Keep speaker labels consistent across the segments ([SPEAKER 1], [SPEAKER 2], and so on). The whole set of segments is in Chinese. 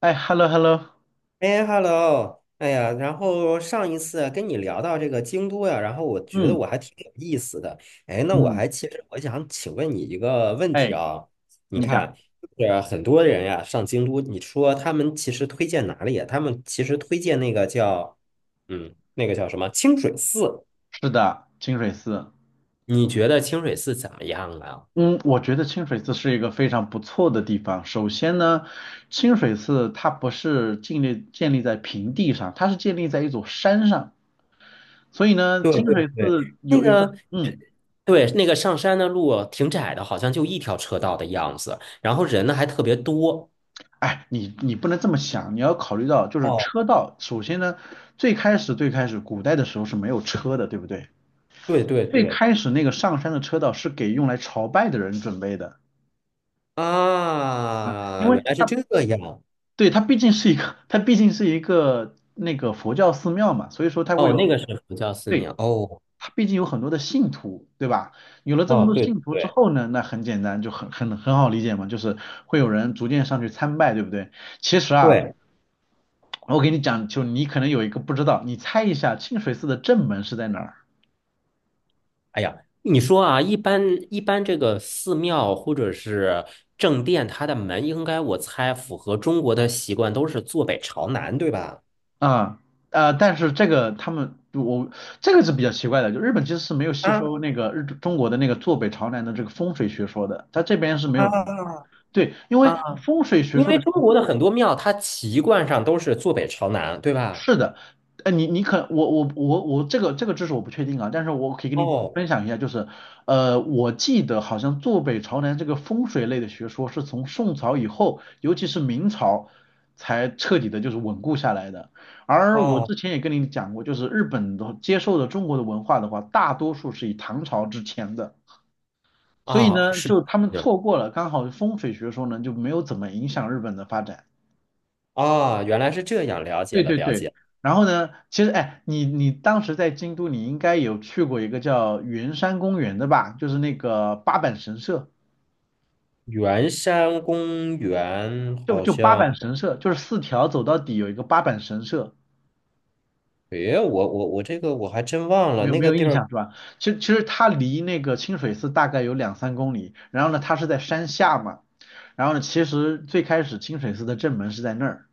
[SPEAKER 1] 哎，hello hello，
[SPEAKER 2] 哎，hello，哎呀，然后上一次跟你聊到这个京都呀，然后我觉得
[SPEAKER 1] 嗯
[SPEAKER 2] 我还挺有意思的。哎，那我
[SPEAKER 1] 嗯，
[SPEAKER 2] 还其实我想请问你一个问题
[SPEAKER 1] 哎，
[SPEAKER 2] 啊，你
[SPEAKER 1] 你讲，
[SPEAKER 2] 看，就是很多人呀上京都，你说他们其实推荐哪里呀？他们其实推荐那个叫，那个叫什么清水寺？
[SPEAKER 1] 是的，清水寺，
[SPEAKER 2] 你觉得清水寺怎么样啊？
[SPEAKER 1] 嗯，我觉得清水寺是一个非常不错的地方。首先呢，清水寺它不是建立在平地上，它是建立在一座山上，所以呢，
[SPEAKER 2] 对
[SPEAKER 1] 清
[SPEAKER 2] 对
[SPEAKER 1] 水
[SPEAKER 2] 对，
[SPEAKER 1] 寺有一个，
[SPEAKER 2] 呃，
[SPEAKER 1] 嗯，
[SPEAKER 2] 对，那个上山的路挺窄的，好像就一条车道的样子，然后人呢还特别多。
[SPEAKER 1] 哎，你不能这么想，你要考虑到就是
[SPEAKER 2] 哦。
[SPEAKER 1] 车道。首先呢，最开始古代的时候是没有车的，对不对？
[SPEAKER 2] 对对
[SPEAKER 1] 最
[SPEAKER 2] 对。
[SPEAKER 1] 开始那个上山的车道是给用来朝拜的人准备的。啊，因
[SPEAKER 2] 啊，
[SPEAKER 1] 为
[SPEAKER 2] 原来是
[SPEAKER 1] 它
[SPEAKER 2] 这样。
[SPEAKER 1] 对，它毕竟是一个，它毕竟是一个那个佛教寺庙嘛，所以说它会
[SPEAKER 2] 哦，
[SPEAKER 1] 有
[SPEAKER 2] 那
[SPEAKER 1] 很，
[SPEAKER 2] 个是佛教寺
[SPEAKER 1] 对，
[SPEAKER 2] 庙哦。
[SPEAKER 1] 它毕竟有很多的信徒，对吧？有了这么
[SPEAKER 2] 哦，
[SPEAKER 1] 多
[SPEAKER 2] 对
[SPEAKER 1] 信徒之
[SPEAKER 2] 对
[SPEAKER 1] 后呢，那很简单，就很好理解嘛，就是会有人逐渐上去参拜，对不对？其实啊，
[SPEAKER 2] 对。
[SPEAKER 1] 我给你讲，就你可能有一个不知道，你猜一下清水寺的正门是在哪儿？
[SPEAKER 2] 哎呀，你说啊，一般这个寺庙或者是正殿，它的门应该我猜符合中国的习惯，都是坐北朝南，对吧？
[SPEAKER 1] 啊，但是这个他们我这个是比较奇怪的，就日本其实是没有吸收
[SPEAKER 2] 啊。
[SPEAKER 1] 那个日中国的那个坐北朝南的这个风水学说的，它这边是没
[SPEAKER 2] 啊。
[SPEAKER 1] 有的，对，因为
[SPEAKER 2] 啊！
[SPEAKER 1] 风水学
[SPEAKER 2] 因
[SPEAKER 1] 说
[SPEAKER 2] 为
[SPEAKER 1] 的，
[SPEAKER 2] 中国的很多庙，它习惯上都是坐北朝南，对吧？
[SPEAKER 1] 是的，你你可我这个知识我不确定啊，但是我可以跟你
[SPEAKER 2] 哦。
[SPEAKER 1] 分享一下，就是我记得好像坐北朝南这个风水类的学说是从宋朝以后，尤其是明朝才彻底的就是稳固下来的。而我
[SPEAKER 2] 哦。
[SPEAKER 1] 之前也跟你讲过，就是日本的接受的中国的文化的话，大多数是以唐朝之前的，所以
[SPEAKER 2] 啊，
[SPEAKER 1] 呢，
[SPEAKER 2] 是。
[SPEAKER 1] 就他们
[SPEAKER 2] 是。
[SPEAKER 1] 错过了，刚好风水学说呢就没有怎么影响日本的发展。
[SPEAKER 2] 啊，原来是这样，了解
[SPEAKER 1] 对
[SPEAKER 2] 了
[SPEAKER 1] 对
[SPEAKER 2] 了
[SPEAKER 1] 对，
[SPEAKER 2] 解。
[SPEAKER 1] 然后呢，其实哎，你当时在京都，你应该有去过一个叫圆山公园的吧？就是那个八坂神社，
[SPEAKER 2] 圆山公园
[SPEAKER 1] 就
[SPEAKER 2] 好
[SPEAKER 1] 就八
[SPEAKER 2] 像，
[SPEAKER 1] 坂神社，就是四条走到底有一个八坂神社，
[SPEAKER 2] 诶，我这个我还真忘了
[SPEAKER 1] 没有
[SPEAKER 2] 那
[SPEAKER 1] 没
[SPEAKER 2] 个
[SPEAKER 1] 有
[SPEAKER 2] 地
[SPEAKER 1] 印
[SPEAKER 2] 儿。
[SPEAKER 1] 象是吧？其实它离那个清水寺大概有2、3公里，然后呢，它是在山下嘛，然后呢，其实最开始清水寺的正门是在那儿，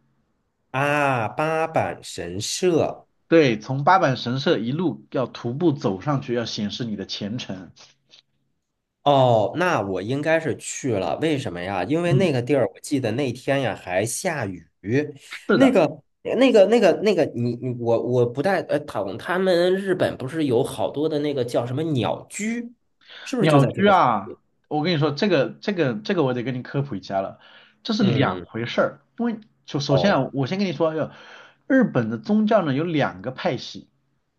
[SPEAKER 2] 啊，八坂神社。
[SPEAKER 1] 对，从八坂神社一路要徒步走上去，要显示你的虔诚，
[SPEAKER 2] 哦，那我应该是去了，为什么呀？因为那
[SPEAKER 1] 嗯。
[SPEAKER 2] 个地儿，我记得那天呀还下雨，
[SPEAKER 1] 是
[SPEAKER 2] 那
[SPEAKER 1] 的。
[SPEAKER 2] 个。那个，你我不太他们日本不是有好多的那个叫什么鸟居，是不是就
[SPEAKER 1] 鸟
[SPEAKER 2] 在这
[SPEAKER 1] 居
[SPEAKER 2] 个？
[SPEAKER 1] 啊，我跟你说，这个我得跟你科普一下了，这是两
[SPEAKER 2] 嗯。
[SPEAKER 1] 回事儿。因为首先
[SPEAKER 2] 哦。
[SPEAKER 1] 啊，我先跟你说，要日本的宗教呢有两个派系，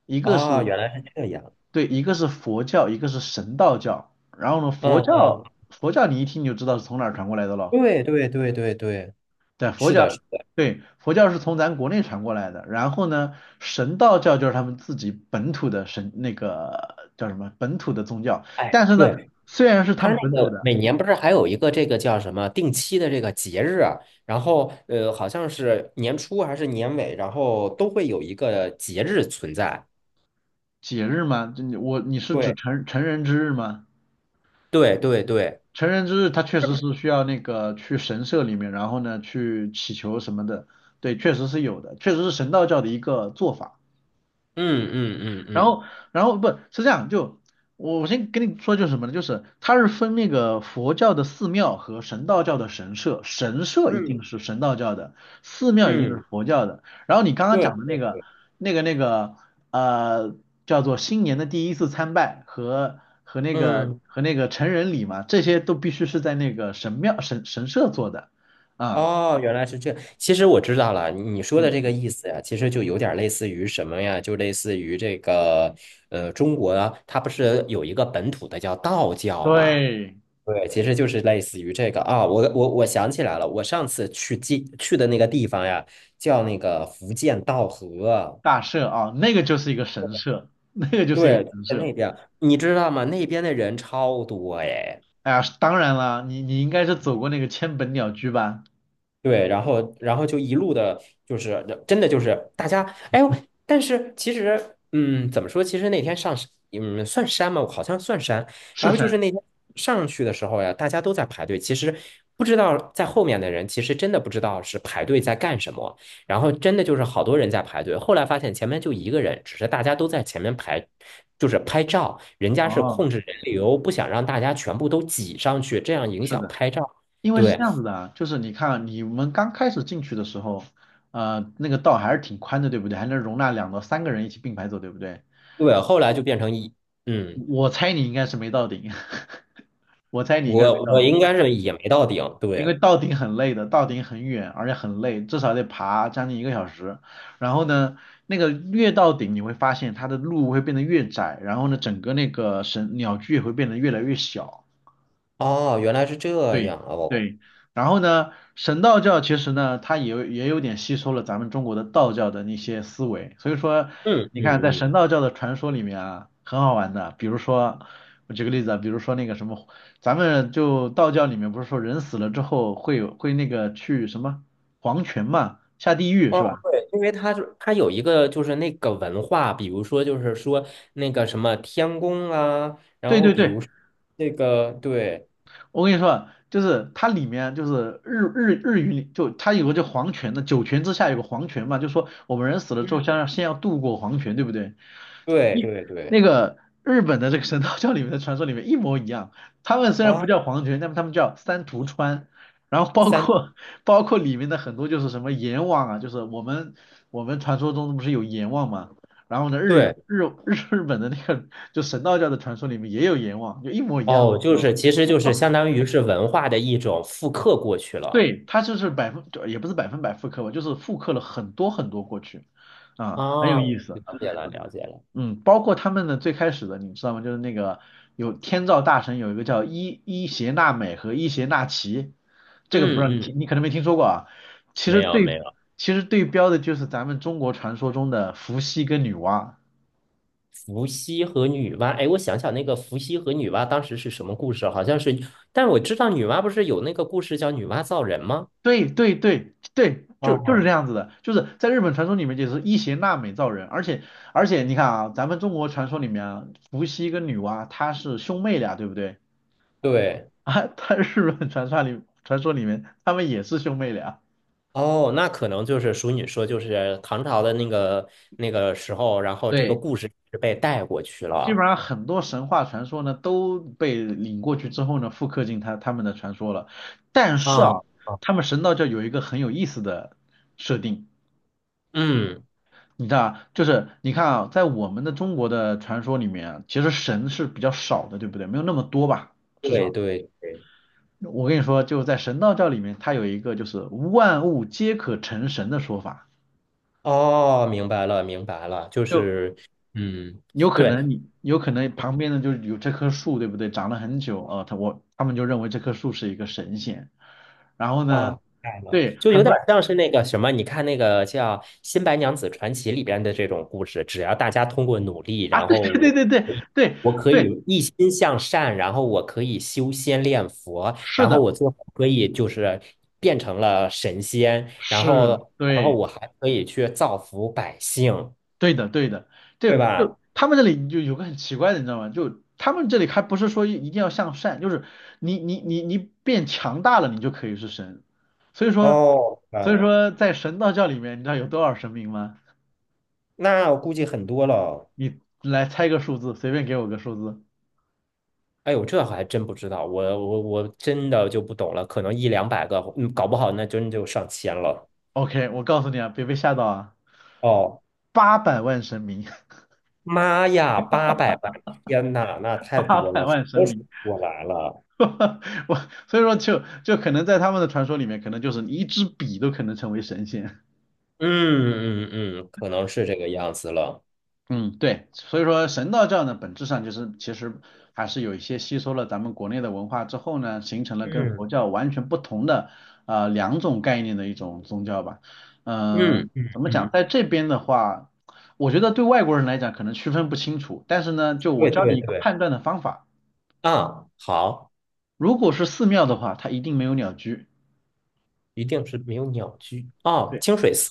[SPEAKER 1] 一个
[SPEAKER 2] 啊，
[SPEAKER 1] 是
[SPEAKER 2] 原来是这样。
[SPEAKER 1] 对，一个是佛教，一个是神道教。然后呢，
[SPEAKER 2] 嗯
[SPEAKER 1] 佛教
[SPEAKER 2] 嗯，
[SPEAKER 1] 佛教你一听你就知道是从哪儿传过来的咯。
[SPEAKER 2] 对对对对对。
[SPEAKER 1] 对，佛
[SPEAKER 2] 是的，
[SPEAKER 1] 教
[SPEAKER 2] 是的。
[SPEAKER 1] 对佛教是从咱国内传过来的。然后呢，神道教就是他们自己本土的神那个叫什么本土的宗教，
[SPEAKER 2] 哎，
[SPEAKER 1] 但是呢，
[SPEAKER 2] 对，
[SPEAKER 1] 虽然是他
[SPEAKER 2] 他那
[SPEAKER 1] 们本土
[SPEAKER 2] 个
[SPEAKER 1] 的。
[SPEAKER 2] 每年不是还有一个这个叫什么定
[SPEAKER 1] 嗯
[SPEAKER 2] 期的这个节日啊，然后好像是年初还是年尾，然后都会有一个节日存在。
[SPEAKER 1] 节日吗？这你我你是指
[SPEAKER 2] 对，
[SPEAKER 1] 成人之日吗？
[SPEAKER 2] 对，对，对。
[SPEAKER 1] 成人之日，他确实是需要那个去神社里面，然后呢去祈求什么的，对，确实是有的，确实是神道教的一个做法。
[SPEAKER 2] 嗯嗯嗯。
[SPEAKER 1] 然
[SPEAKER 2] 嗯
[SPEAKER 1] 后，不是这样，就我先跟你说就是什么呢？就是它是分那个佛教的寺庙和神道教的神社，神社一
[SPEAKER 2] 嗯
[SPEAKER 1] 定是神道教的，寺庙一定是
[SPEAKER 2] 嗯。
[SPEAKER 1] 佛教的。然后你刚刚
[SPEAKER 2] 对
[SPEAKER 1] 讲的那个
[SPEAKER 2] 对。
[SPEAKER 1] 那个那个呃，叫做新年的第一次参拜和和那个
[SPEAKER 2] 嗯。
[SPEAKER 1] 和那个成人礼嘛，这些都必须是在那个神庙神社做的啊，
[SPEAKER 2] 哦，原来是这样，其实我知道了，你说的这
[SPEAKER 1] 嗯，
[SPEAKER 2] 个意思呀，其实就有点类似于什么呀？就类似于这个中国啊它不是有一个本土的叫道教嘛？
[SPEAKER 1] 对，
[SPEAKER 2] 对，其实就是类似于这个啊，我想起来了，我上次去记去的那个地方呀，叫那个福建道河。
[SPEAKER 1] 大社啊，那个就是一个神社，那个就是一个
[SPEAKER 2] 对，
[SPEAKER 1] 神
[SPEAKER 2] 在
[SPEAKER 1] 社。
[SPEAKER 2] 那边，你知道吗？那边的人超多哎。
[SPEAKER 1] 哎呀，当然了，你应该是走过那个千本鸟居吧？
[SPEAKER 2] 对，然后就一路的，就是真的就是大家，哎呦，但是其实，嗯，怎么说？其实那天上山嗯，算山吗？我好像算山。
[SPEAKER 1] 是
[SPEAKER 2] 然后就
[SPEAKER 1] 山。
[SPEAKER 2] 是那天上去的时候呀，大家都在排队。其实不知道在后面的人，其实真的不知道是排队在干什么。然后真的就是好多人在排队。后来发现前面就一个人，只是大家都在前面排，就是拍照。人家是
[SPEAKER 1] 哦，
[SPEAKER 2] 控制人流，不想让大家全部都挤上去，这样影
[SPEAKER 1] 是
[SPEAKER 2] 响
[SPEAKER 1] 的，
[SPEAKER 2] 拍照。
[SPEAKER 1] 因为是这
[SPEAKER 2] 对，
[SPEAKER 1] 样子的啊，就是你看啊你们刚开始进去的时候，那个道还是挺宽的，对不对？还能容纳2到3个人一起并排走，对不对？
[SPEAKER 2] 对，后来就
[SPEAKER 1] 我
[SPEAKER 2] 变成一，嗯，
[SPEAKER 1] 我猜你应该是没到顶，我猜你应该是没
[SPEAKER 2] 我
[SPEAKER 1] 到
[SPEAKER 2] 我
[SPEAKER 1] 顶，因
[SPEAKER 2] 应
[SPEAKER 1] 为
[SPEAKER 2] 该是也没到顶，对。
[SPEAKER 1] 到顶很累的，到顶很远，而且很累，至少得爬将近一个小时。然后呢，那个越到顶，你会发现它的路会变得越窄，然后呢，整个那个神鸟居也会变得越来越小。
[SPEAKER 2] 哦，原来是这
[SPEAKER 1] 对
[SPEAKER 2] 样哦。
[SPEAKER 1] 对，然后呢，神道教其实呢，它也有点吸收了咱们中国的道教的那些思维，所以说，
[SPEAKER 2] 嗯
[SPEAKER 1] 你看在
[SPEAKER 2] 嗯
[SPEAKER 1] 神
[SPEAKER 2] 嗯。
[SPEAKER 1] 道教的传说里面啊，很好玩的，比如说，我举个例子啊，比如说那个什么，咱们就道教里面不是说人死了之后会有会那个去什么黄泉嘛，下地狱是
[SPEAKER 2] 哦，
[SPEAKER 1] 吧？
[SPEAKER 2] 对，因为它是它有一个就是那个文化，比如说就是说那个什么天宫啊，然
[SPEAKER 1] 对
[SPEAKER 2] 后
[SPEAKER 1] 对
[SPEAKER 2] 比
[SPEAKER 1] 对，
[SPEAKER 2] 如说那个。对。
[SPEAKER 1] 我跟你说啊，就是它里面就是日语里就它有个叫黄泉的，九泉之下有个黄泉嘛，就说我们人死了之后，
[SPEAKER 2] 嗯。
[SPEAKER 1] 先要渡过黄泉，对不对？
[SPEAKER 2] 对
[SPEAKER 1] 一
[SPEAKER 2] 对对。
[SPEAKER 1] 那个日本的这个神道教里面的传说里面一模一样，他们虽然不
[SPEAKER 2] 啊，
[SPEAKER 1] 叫黄泉，但他们叫三途川，然后
[SPEAKER 2] 三。
[SPEAKER 1] 包括里面的很多就是什么阎王啊，就是我们传说中不是有阎王嘛，然后呢日
[SPEAKER 2] 对。
[SPEAKER 1] 日日日本的那个就神道教的传说里面也有阎王，就一模一样，你
[SPEAKER 2] 哦，
[SPEAKER 1] 知
[SPEAKER 2] 就
[SPEAKER 1] 道吗？
[SPEAKER 2] 是其实就是相当于是文化的一种复刻过去了。
[SPEAKER 1] 对，他就是也不是百分百复刻吧，就是复刻了很多很多过去，啊，很有
[SPEAKER 2] 啊，
[SPEAKER 1] 意思。
[SPEAKER 2] 了解了了解了。
[SPEAKER 1] 嗯，包括他们的最开始的，你知道吗？就是那个有天照大神有一个叫伊邪那美和伊邪那岐，这个不
[SPEAKER 2] 嗯
[SPEAKER 1] 知道你
[SPEAKER 2] 嗯。
[SPEAKER 1] 听，你可能没听说过啊。其
[SPEAKER 2] 没
[SPEAKER 1] 实
[SPEAKER 2] 有没
[SPEAKER 1] 对，
[SPEAKER 2] 有。
[SPEAKER 1] 其实对标的就是咱们中国传说中的伏羲跟女娲。
[SPEAKER 2] 伏羲和女娲，哎，我想想那个伏羲和女娲当时是什么故事啊？好像是，但我知道女娲不是有那个故事叫女娲造人吗？
[SPEAKER 1] 对对对对，就是这
[SPEAKER 2] 啊，
[SPEAKER 1] 样子的，就是在日本传说里面就是伊邪那美造人，而且你看啊，咱们中国传说里面啊，伏羲跟女娲她是兄妹俩，对不对？
[SPEAKER 2] 对。
[SPEAKER 1] 啊，他日本传说里面他们也是兄妹俩。
[SPEAKER 2] 哦，那可能就是属你说，就是唐朝的那个那个时候，然后这个
[SPEAKER 1] 对，
[SPEAKER 2] 故事是被带过去
[SPEAKER 1] 基本
[SPEAKER 2] 了。
[SPEAKER 1] 上很多神话传说呢都被领过去之后呢，复刻进他们的传说了。但是
[SPEAKER 2] 啊。
[SPEAKER 1] 啊，
[SPEAKER 2] 啊。
[SPEAKER 1] 他们神道教有一个很有意思的设定，
[SPEAKER 2] 嗯，
[SPEAKER 1] 你知道啊，就是你看啊，在我们的中国的传说里面啊，其实神是比较少的，对不对？没有那么多吧，至
[SPEAKER 2] 对
[SPEAKER 1] 少
[SPEAKER 2] 对对。
[SPEAKER 1] 我跟你说，就在神道教里面，它有一个就是万物皆可成神的说法，
[SPEAKER 2] 哦，明白了明白了。就
[SPEAKER 1] 就
[SPEAKER 2] 是，嗯，
[SPEAKER 1] 有可能
[SPEAKER 2] 对。
[SPEAKER 1] 你有可能旁边的就是有这棵树，对不对？长了很久啊，他们就认为这棵树是一个神仙，然后
[SPEAKER 2] 啊，
[SPEAKER 1] 呢，
[SPEAKER 2] 明白了，
[SPEAKER 1] 对，
[SPEAKER 2] 就有
[SPEAKER 1] 很
[SPEAKER 2] 点
[SPEAKER 1] 多
[SPEAKER 2] 像是那个什么，你看那个叫《新白娘子传奇》里边的这种故事，只要大家通过努力，
[SPEAKER 1] 啊，
[SPEAKER 2] 然
[SPEAKER 1] 对
[SPEAKER 2] 后
[SPEAKER 1] 对对
[SPEAKER 2] 我
[SPEAKER 1] 对对
[SPEAKER 2] 可以，
[SPEAKER 1] 对
[SPEAKER 2] 我可
[SPEAKER 1] 对，
[SPEAKER 2] 以一心向善，然后我可以修仙练佛，
[SPEAKER 1] 是
[SPEAKER 2] 然后
[SPEAKER 1] 的，
[SPEAKER 2] 我最后可以就是变成了神仙，然
[SPEAKER 1] 是，
[SPEAKER 2] 后，然后
[SPEAKER 1] 对。
[SPEAKER 2] 我还可以去造福百姓，
[SPEAKER 1] 对的，对的，
[SPEAKER 2] 对
[SPEAKER 1] 对，就
[SPEAKER 2] 吧？
[SPEAKER 1] 他们这里就有个很奇怪的，你知道吗？就他们这里还不是说一定要向善，就是你变强大了，你就可以是神。所以说，
[SPEAKER 2] 哦，明白了。
[SPEAKER 1] 在神道教里面，你知道有多少神明吗？
[SPEAKER 2] 那我估计很多了哦。
[SPEAKER 1] 你来猜个数字，随便给我个数字。
[SPEAKER 2] 哎呦，这还真不知道，我真的就不懂了，可能100到200个，嗯，搞不好那真就上千了。
[SPEAKER 1] OK，我告诉你啊，别被吓到啊，
[SPEAKER 2] 哦，
[SPEAKER 1] 八百万神明，
[SPEAKER 2] 妈呀，800万！天呐，那 太
[SPEAKER 1] 八
[SPEAKER 2] 多
[SPEAKER 1] 百
[SPEAKER 2] 了，数
[SPEAKER 1] 万神
[SPEAKER 2] 都数不
[SPEAKER 1] 明，
[SPEAKER 2] 过来了。
[SPEAKER 1] 我所以说就可能在他们的传说里面，可能就是你一支笔都可能成为神仙。
[SPEAKER 2] 嗯嗯嗯，可能是这个样子了。
[SPEAKER 1] 嗯，对，所以说神道教呢，本质上就是其实还是有一些吸收了咱们国内的文化之后呢，形成了跟
[SPEAKER 2] 嗯
[SPEAKER 1] 佛教完全不同的两种概念的一种宗教吧。
[SPEAKER 2] 嗯
[SPEAKER 1] 嗯、
[SPEAKER 2] 嗯
[SPEAKER 1] 怎么讲，
[SPEAKER 2] 嗯，
[SPEAKER 1] 在这边的话，我觉得对外国人来讲可能区分不清楚，但是呢，就我
[SPEAKER 2] 对
[SPEAKER 1] 教你
[SPEAKER 2] 对
[SPEAKER 1] 一个
[SPEAKER 2] 对。
[SPEAKER 1] 判断的方法，
[SPEAKER 2] 啊，好，
[SPEAKER 1] 如果是寺庙的话，它一定没有鸟居。
[SPEAKER 2] 一定是没有鸟居啊，
[SPEAKER 1] 对，
[SPEAKER 2] 清水寺。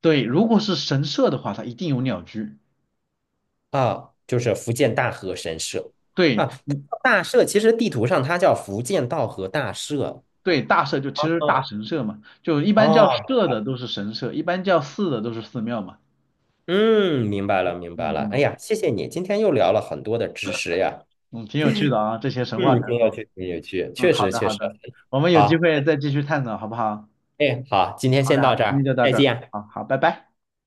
[SPEAKER 1] 对，如果是神社的话，它一定有鸟居。
[SPEAKER 2] 啊，就是福建大和神社。
[SPEAKER 1] 对，
[SPEAKER 2] 啊，大社其实地图上它叫福建道和大社。
[SPEAKER 1] 对，大社就其实大
[SPEAKER 2] 嗯。
[SPEAKER 1] 神社嘛，就一般叫
[SPEAKER 2] 哦。
[SPEAKER 1] 社的都是神社，一般叫寺的都是寺庙嘛。
[SPEAKER 2] 嗯，明白了，明白
[SPEAKER 1] 嗯
[SPEAKER 2] 了。哎
[SPEAKER 1] 嗯
[SPEAKER 2] 呀，谢谢你，今天又聊了很多的知识呀。
[SPEAKER 1] 嗯，挺有趣的啊，这些神话
[SPEAKER 2] 嗯，
[SPEAKER 1] 传
[SPEAKER 2] 挺有
[SPEAKER 1] 说。
[SPEAKER 2] 趣，挺有趣，
[SPEAKER 1] 嗯，
[SPEAKER 2] 确
[SPEAKER 1] 好
[SPEAKER 2] 实
[SPEAKER 1] 的
[SPEAKER 2] 确
[SPEAKER 1] 好
[SPEAKER 2] 实。
[SPEAKER 1] 的，我们有机
[SPEAKER 2] 好，
[SPEAKER 1] 会再继续探讨，好不好？
[SPEAKER 2] 哎，好，今
[SPEAKER 1] 嗯，
[SPEAKER 2] 天
[SPEAKER 1] 好嘞
[SPEAKER 2] 先
[SPEAKER 1] 好
[SPEAKER 2] 到
[SPEAKER 1] 嘞，
[SPEAKER 2] 这
[SPEAKER 1] 今天
[SPEAKER 2] 儿，
[SPEAKER 1] 就到
[SPEAKER 2] 再
[SPEAKER 1] 这儿，嗯
[SPEAKER 2] 见。
[SPEAKER 1] 好好，拜拜。